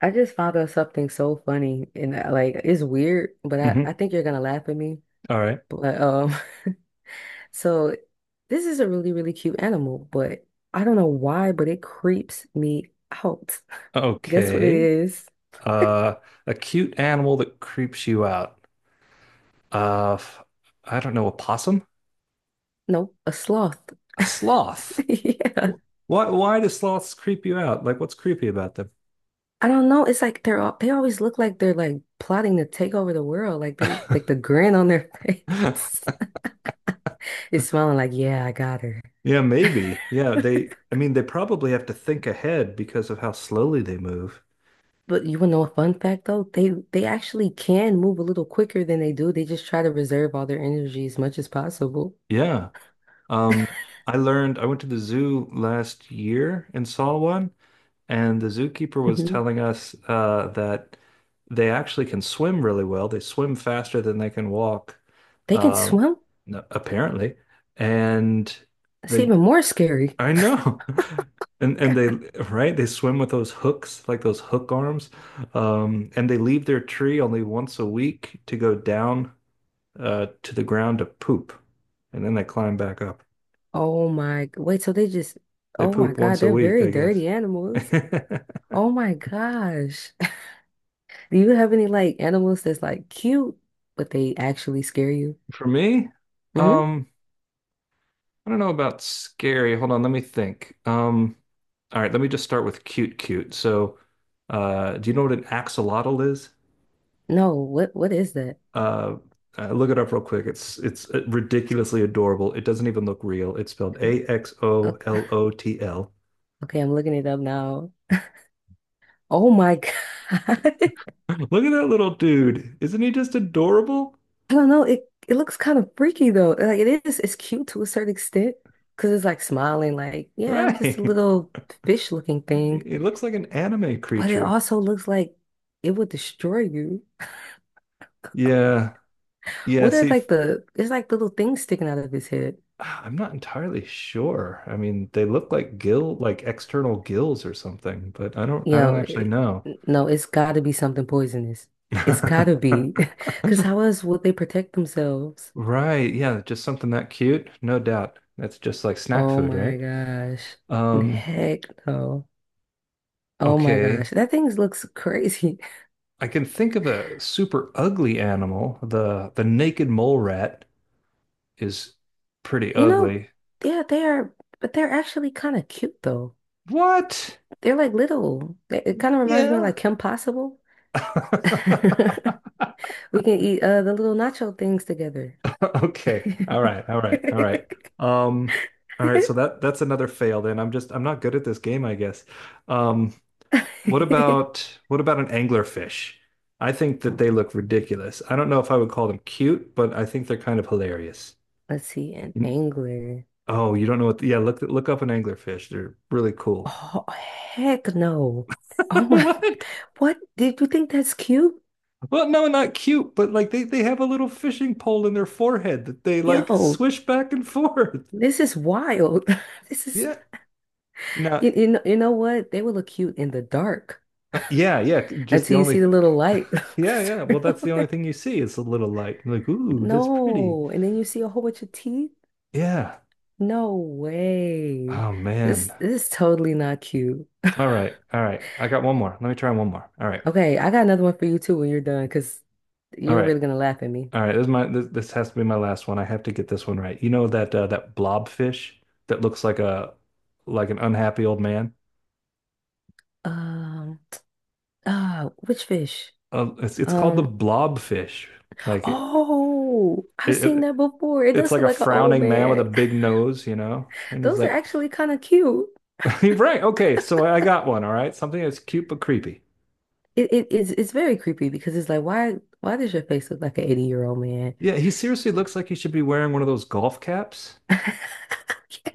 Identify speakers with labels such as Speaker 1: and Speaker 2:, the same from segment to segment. Speaker 1: I just found out something so funny and like it's weird, but I
Speaker 2: Mhm.
Speaker 1: think you're gonna laugh at me.
Speaker 2: All right.
Speaker 1: But so this is a really, really cute animal, but I don't know why, but it creeps me out. Guess what it
Speaker 2: Okay.
Speaker 1: is?
Speaker 2: Uh, a cute animal that creeps you out. Uh, f- I don't know, a possum?
Speaker 1: Nope, a sloth.
Speaker 2: A sloth.
Speaker 1: Yeah.
Speaker 2: Why do sloths creep you out? Like, what's creepy about them?
Speaker 1: I don't know. It's like they always look like they're like plotting to take over the world. Like they're like the grin on their face is smiling like, yeah, I got her.
Speaker 2: Yeah, maybe. Yeah, I mean, they probably have to think ahead because of how slowly they move.
Speaker 1: But you want to know a fun fact though? They actually can move a little quicker than they do. They just try to reserve all their energy as much as possible.
Speaker 2: Yeah. Um, I went to the zoo last year and saw one. And the zookeeper was
Speaker 1: Hmm.
Speaker 2: telling us that they actually can swim really well. They swim faster than they can walk.
Speaker 1: They can
Speaker 2: Wow.
Speaker 1: swim.
Speaker 2: Apparently. And
Speaker 1: That's
Speaker 2: they,
Speaker 1: even more scary.
Speaker 2: I know. And they right, they swim with those hooks, like those hook arms, and they leave their tree only once a week to go down to the ground to poop, and then they climb back up.
Speaker 1: Oh my, wait, so they just,
Speaker 2: They
Speaker 1: oh my
Speaker 2: poop
Speaker 1: God,
Speaker 2: once a
Speaker 1: they're
Speaker 2: week,
Speaker 1: very
Speaker 2: I guess.
Speaker 1: dirty animals. Oh my gosh. Do you have any like animals that's like cute, but they actually scare you?
Speaker 2: For me,
Speaker 1: Hmm.
Speaker 2: um. I don't know about scary. Hold on, let me think. All right, let me just start with cute, cute. So, do you know what an axolotl is?
Speaker 1: No, what is that?
Speaker 2: Uh, Look it up real quick. It's ridiculously adorable. It doesn't even look real. It's spelled A X O
Speaker 1: Okay,
Speaker 2: L O T L.
Speaker 1: okay, I'm looking it up now. Oh my God.
Speaker 2: Look at that little dude. Isn't he just adorable?
Speaker 1: I don't know. It looks kind of freaky though. Like it is, it's cute to a certain extent because it's like smiling, like yeah, I'm just a
Speaker 2: Right.
Speaker 1: little fish looking thing.
Speaker 2: He looks like an anime
Speaker 1: But it
Speaker 2: creature.
Speaker 1: also looks like it would destroy you.
Speaker 2: Yeah. Yeah.
Speaker 1: What are
Speaker 2: See,
Speaker 1: like the? It's like little things sticking out of his head.
Speaker 2: I'm not entirely sure. I mean, they look like gill, like external gills or something, but I don't
Speaker 1: You
Speaker 2: I don't
Speaker 1: know,
Speaker 2: actually
Speaker 1: it-
Speaker 2: know.
Speaker 1: no, it's got to be something poisonous. It's got to be, because how else would they protect themselves?
Speaker 2: Right, yeah, just something that cute, no doubt. That's just like snack
Speaker 1: Oh
Speaker 2: food,
Speaker 1: my
Speaker 2: right?
Speaker 1: gosh,
Speaker 2: Um,
Speaker 1: heck no. Oh my
Speaker 2: okay.
Speaker 1: gosh, that thing looks crazy.
Speaker 2: I can think of a super ugly animal. The naked mole rat is pretty
Speaker 1: You know,
Speaker 2: ugly.
Speaker 1: yeah, they are, but they're actually kind of cute though.
Speaker 2: What?
Speaker 1: They're like little. It kind of reminds me of
Speaker 2: Yeah.
Speaker 1: like Kim Possible. We can eat the little nacho things together.
Speaker 2: Okay. All right. All right. All right. Um, all right. So that's another fail then. I'm not good at this game, I guess. Um, what about an anglerfish? I think that they look ridiculous. I don't know if I would call them cute, but I think they're kind of hilarious.
Speaker 1: Let's see, an
Speaker 2: You-
Speaker 1: angler.
Speaker 2: Oh, you don't know what, yeah, look up an anglerfish. They're really cool.
Speaker 1: Oh, heck no. Oh my,
Speaker 2: What?
Speaker 1: what? Did you think that's cute?
Speaker 2: Well, no, not cute, but like they have a little fishing pole in their forehead that they like
Speaker 1: Yo,
Speaker 2: swish back and forth.
Speaker 1: this is wild. This is,
Speaker 2: Yeah. Now,
Speaker 1: you know, you know what? They would look cute in the dark.
Speaker 2: Yeah, yeah. Just the
Speaker 1: Until you
Speaker 2: only
Speaker 1: see the
Speaker 2: thing.
Speaker 1: little light
Speaker 2: Yeah, yeah. Well,
Speaker 1: turn
Speaker 2: that's the only
Speaker 1: on.
Speaker 2: thing you see. It's a little light. Like, ooh, that's pretty.
Speaker 1: No. And then you see a whole bunch of teeth.
Speaker 2: Yeah.
Speaker 1: No way.
Speaker 2: Oh
Speaker 1: This
Speaker 2: man.
Speaker 1: this is totally not cute.
Speaker 2: All right. All right. I got one more. Let me try one more. All right.
Speaker 1: Okay, I got another one for you too when you're done, because
Speaker 2: All
Speaker 1: you're
Speaker 2: right.
Speaker 1: really gonna laugh at me.
Speaker 2: All right. This has to be my last one. I have to get this one right. You know that that blobfish that looks like a like an unhappy old man?
Speaker 1: Um, which fish?
Speaker 2: It's called the
Speaker 1: Um,
Speaker 2: blobfish. Like it,
Speaker 1: oh, I've
Speaker 2: it,
Speaker 1: seen
Speaker 2: it
Speaker 1: that before. It
Speaker 2: it's
Speaker 1: does
Speaker 2: like
Speaker 1: look
Speaker 2: a
Speaker 1: like an old
Speaker 2: frowning man with
Speaker 1: man.
Speaker 2: a big nose, you know? And he's
Speaker 1: Those are
Speaker 2: like
Speaker 1: actually kind of cute.
Speaker 2: right. Okay. So I got one. All right. Something that's cute but creepy.
Speaker 1: It is it's very creepy because it's like why does your face look like an 80-year-old man?
Speaker 2: Yeah. He seriously looks like he should be wearing one of those golf caps.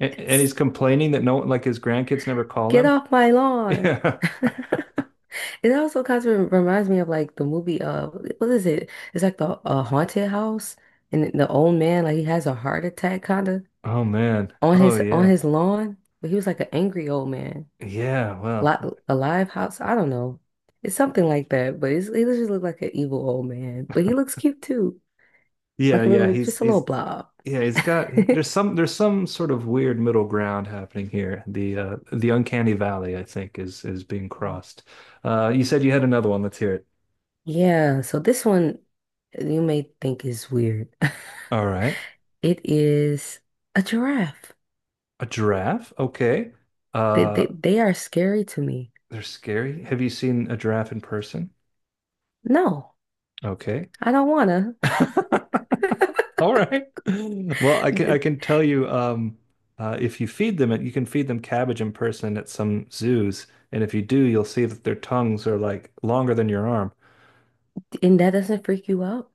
Speaker 2: And he's complaining that no, like his grandkids never call
Speaker 1: Get
Speaker 2: him.
Speaker 1: off my lawn.
Speaker 2: Yeah.
Speaker 1: It also kind of reminds me of like the movie, what is it? It's like the haunted house, and the old man like he has a heart attack kind of
Speaker 2: Oh man.
Speaker 1: on
Speaker 2: Oh
Speaker 1: his on
Speaker 2: yeah.
Speaker 1: his lawn, but he was like an angry old man.
Speaker 2: Yeah.
Speaker 1: Li
Speaker 2: Well.
Speaker 1: A live house, I don't know. It's something like that, but he just look like an evil old man, but he looks cute too,
Speaker 2: Yeah.
Speaker 1: like a
Speaker 2: Yeah.
Speaker 1: little,
Speaker 2: He's
Speaker 1: just a little
Speaker 2: he's
Speaker 1: blob.
Speaker 2: yeah. He's got there's some sort of weird middle ground happening here. The uncanny valley I think is being crossed. You said you had another one. Let's hear it.
Speaker 1: Yeah, so this one you may think is weird.
Speaker 2: All right.
Speaker 1: It is a giraffe.
Speaker 2: A giraffe. Okay.
Speaker 1: They,
Speaker 2: Uh.
Speaker 1: they, they are scary to me.
Speaker 2: They're scary. Have you seen a giraffe in person?
Speaker 1: No,
Speaker 2: Okay.
Speaker 1: I don't wanna.
Speaker 2: All right. Well, I can tell you if you feed them, you can feed them cabbage in person at some zoos, and if you do, you'll see that their tongues are like longer than your arm.
Speaker 1: And that doesn't freak you out.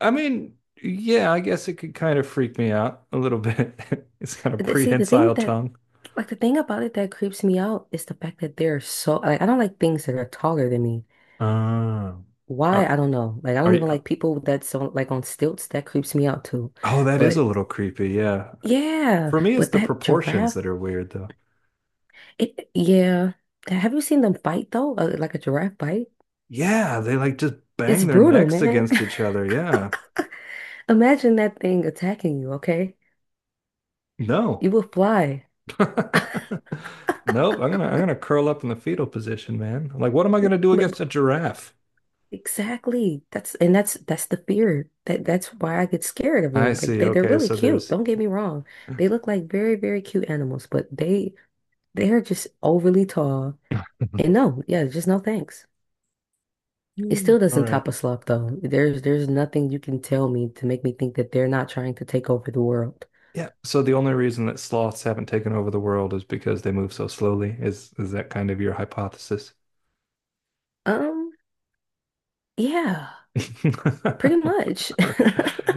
Speaker 2: I mean, yeah, I guess it could kind of freak me out a little bit. It's kind of
Speaker 1: See,
Speaker 2: prehensile tongue.
Speaker 1: the thing about it that creeps me out is the fact that they're so, like, I don't like things that are taller than me.
Speaker 2: Oh.
Speaker 1: Why? I
Speaker 2: Are
Speaker 1: don't know. Like, I
Speaker 2: are
Speaker 1: don't
Speaker 2: you?
Speaker 1: even like people that's on, like, on stilts. That creeps me out too.
Speaker 2: Oh, that is a
Speaker 1: But
Speaker 2: little creepy. Yeah.
Speaker 1: yeah,
Speaker 2: For me, it's
Speaker 1: but
Speaker 2: the
Speaker 1: that
Speaker 2: proportions
Speaker 1: giraffe,
Speaker 2: that are weird, though.
Speaker 1: yeah. Have you seen them fight though? Like a giraffe bite?
Speaker 2: Yeah, they like just
Speaker 1: It's
Speaker 2: bang their
Speaker 1: brutal,
Speaker 2: necks
Speaker 1: man.
Speaker 2: against each other. Yeah.
Speaker 1: Imagine that thing attacking you, okay?
Speaker 2: No.
Speaker 1: You will fly.
Speaker 2: Nope. I'm gonna curl up in the fetal position, man. I'm like, what am I gonna do
Speaker 1: But.
Speaker 2: against a giraffe?
Speaker 1: Exactly. That's the fear. That's why I get scared of
Speaker 2: I
Speaker 1: them. Like
Speaker 2: see.
Speaker 1: they, they're
Speaker 2: Okay,
Speaker 1: really
Speaker 2: so
Speaker 1: cute.
Speaker 2: there's
Speaker 1: Don't get me wrong. They look like very, very cute animals, but they're just overly tall. And no, yeah, just no thanks. It still
Speaker 2: all
Speaker 1: doesn't
Speaker 2: right.
Speaker 1: top a sloth though. There's nothing you can tell me to make me think that they're not trying to take over the world.
Speaker 2: Yeah. So the only reason that sloths haven't taken over the world is because they move so slowly. Is that kind of your hypothesis?
Speaker 1: Um, yeah, pretty
Speaker 2: All
Speaker 1: much.
Speaker 2: right.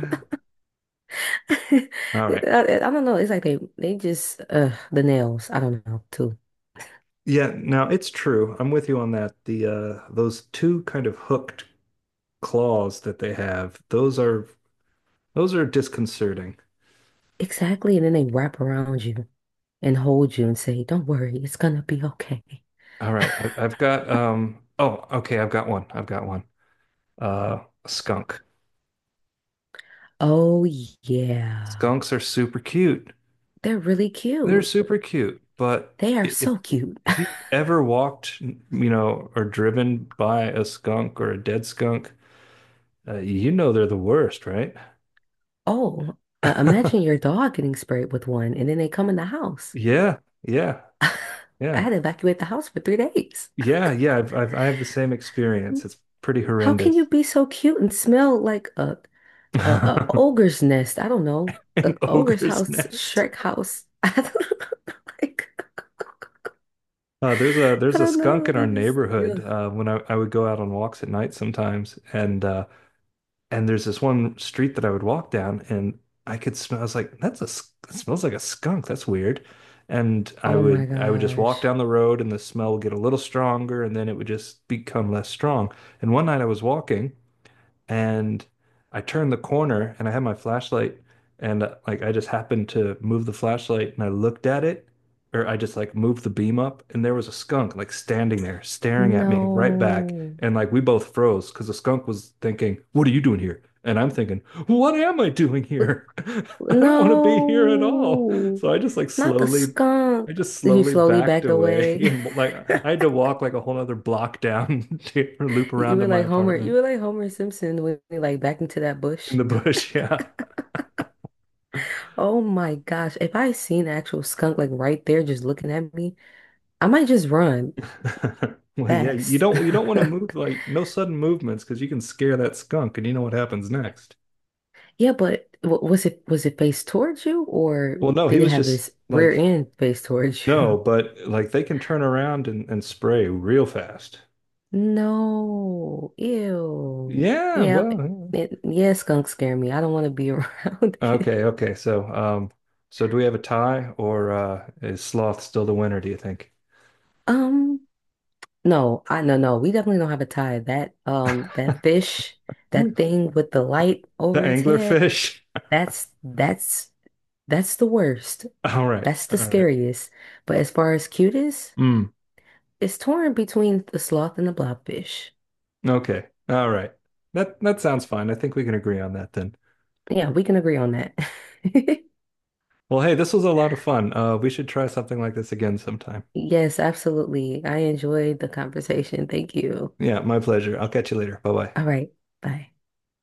Speaker 1: I,
Speaker 2: All right.
Speaker 1: I don't know. It's like they just the nails. I don't know too.
Speaker 2: Yeah, now it's true. I'm with you on that. The those two kind of hooked claws that they have, those are disconcerting.
Speaker 1: Exactly, and then they wrap around you and hold you and say, "Don't worry, it's gonna be okay."
Speaker 2: All right, I've got. Oh, okay, I've got one. I've got one. Uh, a skunk.
Speaker 1: Oh, yeah.
Speaker 2: Skunks are super cute.
Speaker 1: They're really
Speaker 2: They're
Speaker 1: cute.
Speaker 2: super cute, but
Speaker 1: They are
Speaker 2: i- if
Speaker 1: so cute.
Speaker 2: if you ever walked, or driven by a skunk or a dead skunk, you know they're the worst, right?
Speaker 1: Oh, imagine your dog getting sprayed with one and then they come in the house.
Speaker 2: Yeah, yeah,
Speaker 1: I had
Speaker 2: yeah,
Speaker 1: to evacuate the house for 3 days.
Speaker 2: yeah, yeah. I have the same experience. It's pretty
Speaker 1: How can you
Speaker 2: horrendous.
Speaker 1: be so cute and smell like a
Speaker 2: An
Speaker 1: ogre's nest? I don't know. A ogre's
Speaker 2: ogre's
Speaker 1: house,
Speaker 2: nest.
Speaker 1: Shrek house. I don't know. Like,
Speaker 2: There's a
Speaker 1: I
Speaker 2: there's a
Speaker 1: don't
Speaker 2: skunk
Speaker 1: know.
Speaker 2: in our
Speaker 1: They just,
Speaker 2: neighborhood.
Speaker 1: ugh.
Speaker 2: When I would go out on walks at night sometimes, and there's this one street that I would walk down, and I could smell. I was like, that smells like a skunk. That's weird. And I
Speaker 1: Oh my
Speaker 2: would I would just walk
Speaker 1: gosh.
Speaker 2: down the road, and the smell would get a little stronger, and then it would just become less strong. And one night I was walking, and I turned the corner and I had my flashlight and like I just happened to move the flashlight and I looked at it, or I just like moved the beam up, and there was a skunk like standing there staring at me right back,
Speaker 1: No.
Speaker 2: and like we both froze because the skunk was thinking, "What are you doing here?" And I'm thinking, "What am I doing here? I don't want to be here at all."
Speaker 1: No,
Speaker 2: So
Speaker 1: not the
Speaker 2: I
Speaker 1: skunk.
Speaker 2: just
Speaker 1: You
Speaker 2: slowly
Speaker 1: slowly
Speaker 2: backed
Speaker 1: backed
Speaker 2: away
Speaker 1: away.
Speaker 2: and like I had to walk like a whole other block down to loop
Speaker 1: You
Speaker 2: around to
Speaker 1: were
Speaker 2: my
Speaker 1: like Homer. You
Speaker 2: apartment
Speaker 1: were like Homer Simpson when you like backed into that
Speaker 2: in
Speaker 1: bush.
Speaker 2: the bush. Yeah.
Speaker 1: Oh my gosh. If I seen an actual skunk like right there just looking at me, I might just run
Speaker 2: Well, yeah, you
Speaker 1: fast.
Speaker 2: don't you don't want to move, like, no sudden movements because you can scare that skunk and you know what happens next.
Speaker 1: Yeah, but was it faced towards you or
Speaker 2: Well, no, he
Speaker 1: did it
Speaker 2: was
Speaker 1: have
Speaker 2: just
Speaker 1: its rear
Speaker 2: like
Speaker 1: end faced towards
Speaker 2: no,
Speaker 1: you?
Speaker 2: but like they can turn around and spray real fast.
Speaker 1: No. Ew.
Speaker 2: Yeah,
Speaker 1: Yep.
Speaker 2: well,
Speaker 1: It, yeah, skunks scare me. I don't want to be around
Speaker 2: yeah.
Speaker 1: it.
Speaker 2: Okay, okay. So do we have a tie, or is sloth still the winner, do you think?
Speaker 1: Um, no, I no no. We definitely don't have a tie. That fish,
Speaker 2: The
Speaker 1: that thing with the light over its head,
Speaker 2: anglerfish?
Speaker 1: that's that's the worst.
Speaker 2: All right.
Speaker 1: That's
Speaker 2: All
Speaker 1: the
Speaker 2: right.
Speaker 1: scariest. But as far as cutest,
Speaker 2: Mm,
Speaker 1: it's torn between the sloth and the blobfish.
Speaker 2: okay. All right. That sounds fine. I think we can agree on that then.
Speaker 1: Yeah, we can agree on that.
Speaker 2: Well, hey, this was a lot of fun. We should try something like this again sometime.
Speaker 1: Yes, absolutely. I enjoyed the conversation. Thank you.
Speaker 2: Yeah, my pleasure. I'll catch you later. Bye bye.
Speaker 1: All right, bye.